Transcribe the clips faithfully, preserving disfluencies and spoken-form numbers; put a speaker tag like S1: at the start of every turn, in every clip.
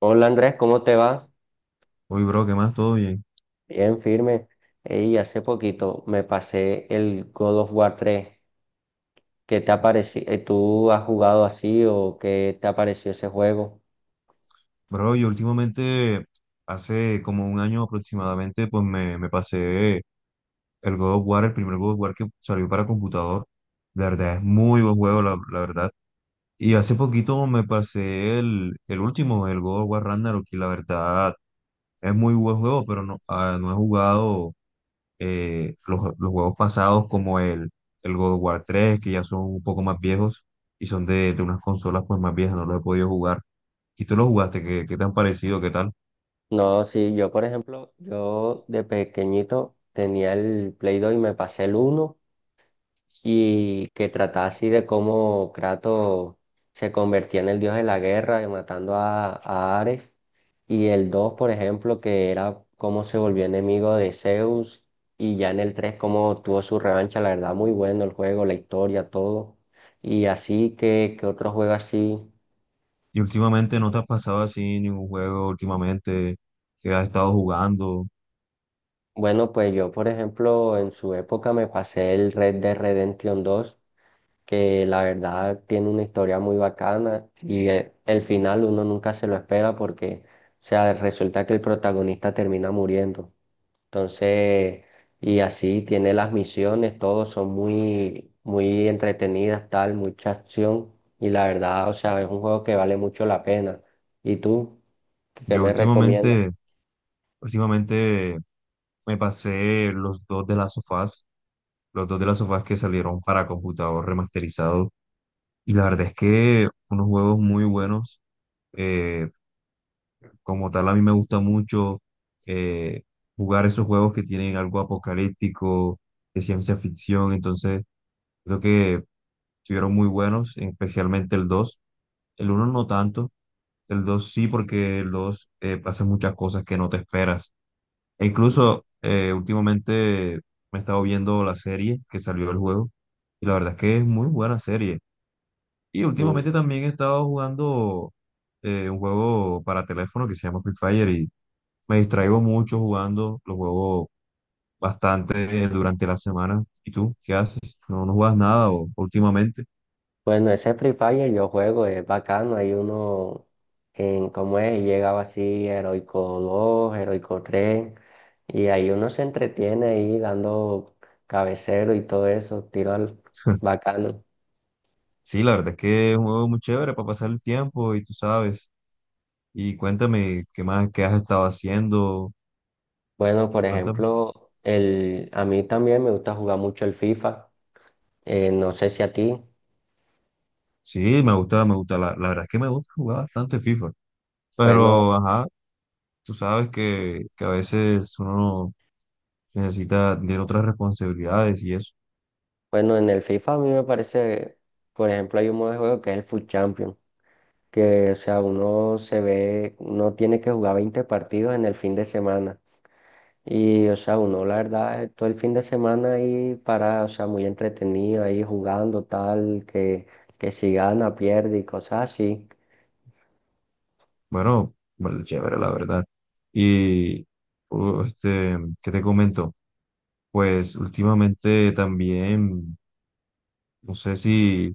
S1: Hola Andrés, ¿cómo te va?
S2: Uy, bro, ¿qué más? ¿Todo bien?
S1: Bien, firme. Y hace poquito me pasé el God of War tres. ¿Qué te ha parecido? ¿Tú has jugado así o qué te ha parecido ese juego?
S2: Bro, yo últimamente, hace como un año aproximadamente, pues me, me pasé el God of War, el primer God of War que salió para computador. La verdad, es muy buen juego, la, la verdad. Y hace poquito me pasé el, el último, el God of War Ragnarok, y la verdad es muy buen juego, pero no, ah, no he jugado eh, los, los juegos pasados como el, el God of War tres que ya son un poco más viejos y son de, de unas consolas pues más viejas, no los he podido jugar. ¿Y tú lo jugaste? ¿Qué, qué te han parecido? ¿Qué tal?
S1: No, sí, yo por ejemplo, yo de pequeñito tenía el Play dos y me pasé el uno, y que trataba así de cómo Kratos se convertía en el dios de la guerra, y matando a, a Ares, y el dos por ejemplo, que era cómo se volvió enemigo de Zeus, y ya en el tres cómo tuvo su revancha. La verdad muy bueno el juego, la historia, todo, y así que, que otro juego así.
S2: ¿Y últimamente no te has pasado así ningún juego últimamente que has estado jugando?
S1: Bueno, pues yo, por ejemplo, en su época me pasé el Red Dead Redemption dos, que la verdad tiene una historia muy bacana y eh, el final uno nunca se lo espera porque, o sea, resulta que el protagonista termina muriendo. Entonces, y así tiene las misiones, todos son muy, muy entretenidas, tal, mucha acción, y la verdad, o sea, es un juego que vale mucho la pena. ¿Y tú? ¿Qué
S2: Yo
S1: me recomiendas?
S2: últimamente, últimamente me pasé los dos de las sofás, los dos de las sofás que salieron para computador remasterizado. Y la verdad es que unos juegos muy buenos. eh, Como tal, a mí me gusta mucho eh, jugar esos juegos que tienen algo apocalíptico, de ciencia ficción. Entonces, creo que estuvieron muy buenos, especialmente el dos. El uno no tanto, el dos sí, porque el dos eh, hace muchas cosas que no te esperas. E incluso eh, últimamente me he estado viendo la serie que salió del juego y la verdad es que es muy buena serie. Y
S1: Mm.
S2: últimamente también he estado jugando eh, un juego para teléfono que se llama Free Fire y me distraigo mucho jugando, lo juego bastante eh, durante la semana. ¿Y tú qué haces? ¿No, no juegas nada o últimamente?
S1: Bueno, ese Free Fire yo juego, es bacano. Hay uno, en cómo es, y llegaba así, Heroico dos, Heroico tres, y ahí uno se entretiene ahí dando cabecero y todo eso, tiro al bacano.
S2: Sí, la verdad es que es un juego muy chévere para pasar el tiempo y tú sabes. Y cuéntame qué más, qué has estado haciendo.
S1: Bueno, por
S2: Cuéntame.
S1: ejemplo, el, a mí también me gusta jugar mucho el FIFA. Eh, no sé si a ti.
S2: Sí, me gusta, me gusta. La, la verdad es que me gusta jugar bastante FIFA.
S1: Bueno,
S2: Pero, ajá, tú sabes que, que a veces uno necesita tener otras responsabilidades y eso.
S1: bueno, en el FIFA a mí me parece, por ejemplo, hay un modo de juego que es el Foot Champion, que, o sea, uno se ve, uno tiene que jugar veinte partidos en el fin de semana. Y, o sea, uno, la verdad, eh, todo el fin de semana ahí para, o sea, muy entretenido, ahí jugando tal, que, que si gana, pierde y cosas así.
S2: Bueno, bueno, chévere, la verdad. Y, uh, este, ¿qué te comento? Pues últimamente también, no sé si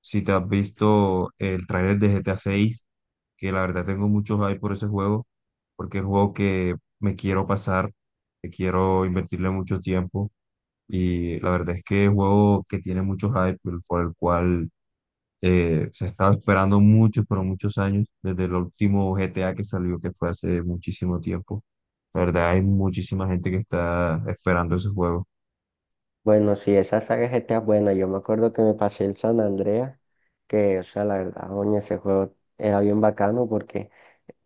S2: si te has visto el tráiler de G T A seis, que la verdad tengo mucho hype por ese juego, porque es un juego que me quiero pasar, que quiero invertirle mucho tiempo. Y la verdad es que es un juego que tiene mucho hype, por por el cual eh, se estaba esperando muchos, pero muchos años, desde el último G T A que salió, que fue hace muchísimo tiempo. La verdad, hay muchísima gente que está esperando ese juego.
S1: Bueno, sí, esa saga de G T A es buena. Yo me acuerdo que me pasé el San Andreas, que, o sea, la verdad, oye, ese juego era bien bacano porque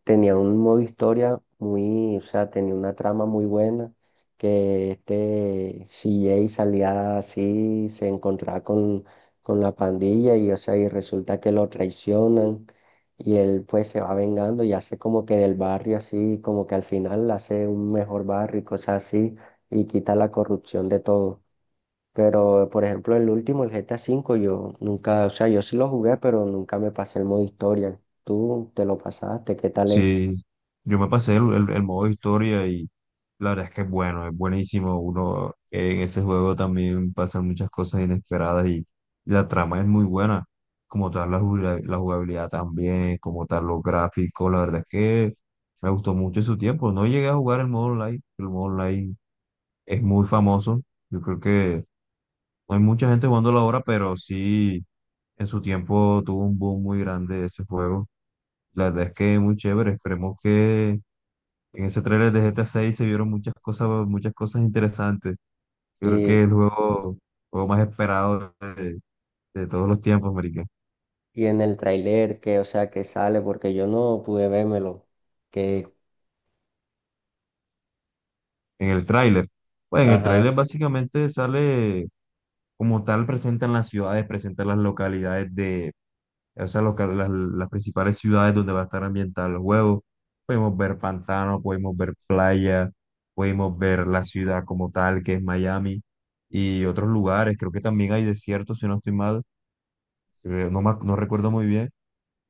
S1: tenía un modo historia muy, o sea, tenía una trama muy buena, que este C J salía así, se encontraba con, con la pandilla y, o sea, y resulta que lo traicionan, y él pues se va vengando y hace como que del barrio así, como que al final hace un mejor barrio y cosas así, y quita la corrupción de todo. Pero, por ejemplo, el último, el G T A V, yo nunca, o sea, yo sí lo jugué, pero nunca me pasé el modo historia. ¿Tú te lo pasaste? ¿Qué tal es?
S2: Sí, yo me pasé el, el- el modo historia y la verdad es que es bueno, es buenísimo. Uno eh, en ese juego también pasan muchas cosas inesperadas y, la trama es muy buena. Como tal, la, jugabili- la jugabilidad también, como tal, los gráficos, la verdad es que me gustó mucho en su tiempo. No llegué a jugar el modo online, el modo online es muy famoso. Yo creo que no hay mucha gente jugándolo ahora, pero sí en su tiempo tuvo un boom muy grande ese juego. La verdad es que es muy chévere. Esperemos que en ese trailer de G T A seis se vieron muchas cosas, muchas cosas interesantes. Yo creo que
S1: Y,
S2: es el juego, juego más esperado de, de todos los tiempos, marica.
S1: y en el tráiler que, o sea, que sale, porque yo no pude vérmelo, que,
S2: En el tráiler. Pues en el
S1: ajá,
S2: tráiler básicamente sale como tal, presentan las ciudades, presentan las localidades de, o sea, local- las, las principales ciudades donde va a estar ambientado el juego. Podemos ver pantano, podemos ver playa, podemos ver la ciudad como tal, que es Miami, y otros lugares. Creo que también hay desiertos, si no estoy mal. Eh, no, me ac- no recuerdo muy bien,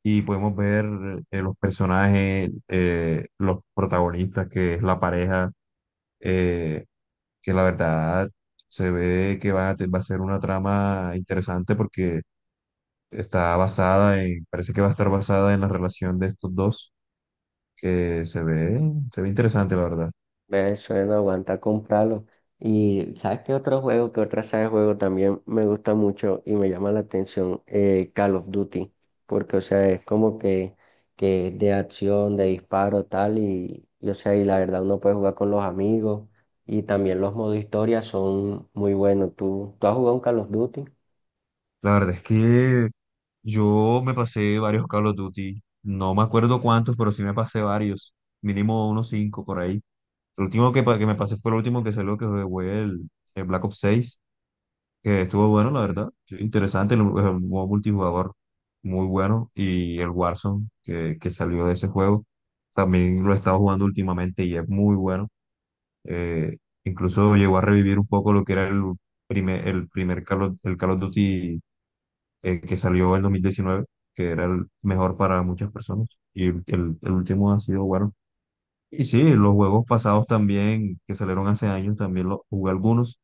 S2: y podemos ver eh, los personajes, eh, los protagonistas, que es la pareja, eh, que la verdad se ve que va a, te- va a ser una trama interesante porque está basada en, parece que va a estar basada en la relación de estos dos, que se ve, se ve interesante, la verdad.
S1: ve, eso no aguanta comprarlo. Y, ¿sabes qué otro juego, qué otra saga de juego también me gusta mucho y me llama la atención? Eh, Call of Duty, porque, o sea, es como que, que es de acción, de disparo, tal, y, y, o sea, y la verdad uno puede jugar con los amigos, y también los modos historia son muy buenos. ¿Tú, tú has jugado un Call of Duty?
S2: La verdad es que yo me pasé varios Call of Duty, no me acuerdo cuántos, pero sí me pasé varios, mínimo unos cinco por ahí. El último que, pa- que me pasé fue el último que salió, que fue el, el Black Ops seis, que estuvo bueno, la verdad. Sí, interesante, el, el modo multijugador muy bueno. Y el Warzone, que, que salió de ese juego, también lo he estado jugando últimamente y es muy bueno. Eh, Incluso llegó a revivir un poco lo que era el primer, el primer Call of, el Call of Duty eh, que salió en dos mil diecinueve, que era el mejor para muchas personas. Y el el último ha sido bueno. Y sí, los juegos pasados también, que salieron hace años, también los jugué algunos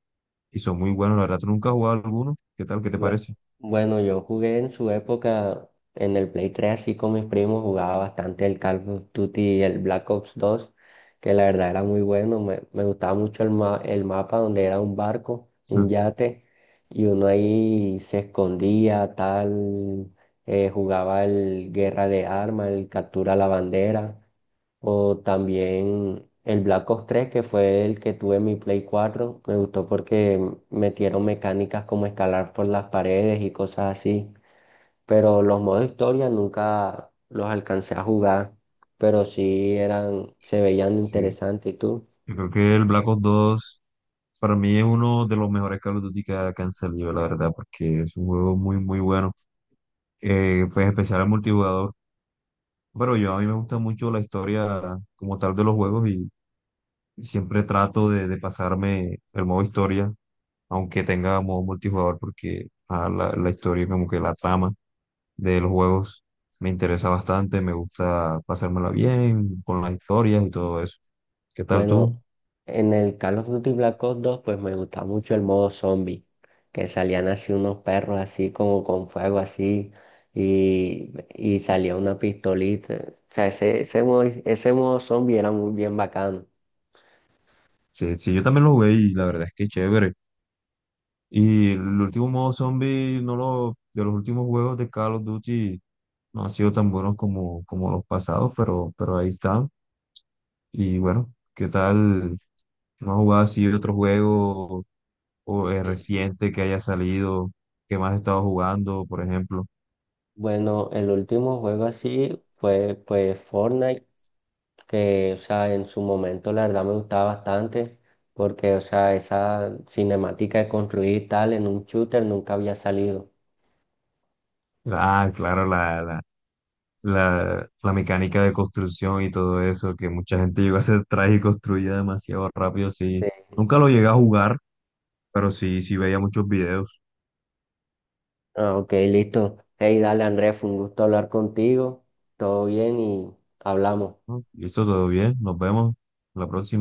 S2: y son muy buenos. La verdad, tú nunca has jugado alguno. ¿Qué tal? ¿Qué te
S1: Bue-
S2: parece?
S1: Bueno, yo jugué en su época en el Play tres así con mis primos, jugaba bastante el Call of Duty y el Black Ops dos, que la verdad era muy bueno. Me, me gustaba mucho el, ma- el mapa donde era un barco, un yate, y uno ahí se escondía, tal. Eh, jugaba el Guerra de Armas, el Captura la Bandera, o también el Black Ops tres, que fue el que tuve en mi Play cuatro. Me gustó porque metieron mecánicas como escalar por las paredes y cosas así. Pero los modos historia nunca los alcancé a jugar. Pero sí eran, se veían
S2: Sí,
S1: interesantes. ¿Y tú?
S2: yo creo que el Black Ops dos para mí es uno de los mejores Call of Duty que ha- que han salido, la verdad, porque es un juego muy, muy bueno. Eh, pues especial al multijugador. Pero yo a mí me gusta mucho la historia como tal de los juegos. Siempre trato de, de pasarme el modo historia, aunque tenga modo multijugador, porque ah, la, la historia, como que la trama de los juegos me interesa bastante, me gusta pasármela bien con las historias y todo eso. ¿Qué tal
S1: Bueno,
S2: tú?
S1: en el Call of Duty Black Ops dos pues me gustaba mucho el modo zombie, que salían así unos perros así como con fuego así, y, y salía una pistolita. O sea, ese, ese modo, ese modo zombie era muy bien bacano.
S2: Sí, sí, yo también lo jugué y la verdad es que chévere. Y el último modo zombie, no lo, de los últimos juegos de Call of Duty, no han sido tan buenos como, como los pasados, pero, pero ahí están. Y bueno, ¿qué tal? ¿No has jugado así otro juego o, eh,
S1: Sí.
S2: reciente que haya salido? ¿Qué más has estado jugando, por ejemplo?
S1: Bueno, el último juego así fue pues Fortnite, que o sea, en su momento la verdad me gustaba bastante, porque o sea, esa cinemática de construir y tal en un shooter nunca había salido.
S2: Ah, claro, la, la, la, la mecánica de construcción y todo eso, que mucha gente llegó a hacer traje y construía demasiado rápido, sí. Nunca lo llegué a jugar, pero sí, sí veía muchos videos.
S1: Ah, ok, listo. Hey, dale Andrés, fue un gusto hablar contigo. Todo bien y hablamos.
S2: ¿No? Listo, todo bien, nos vemos la próxima.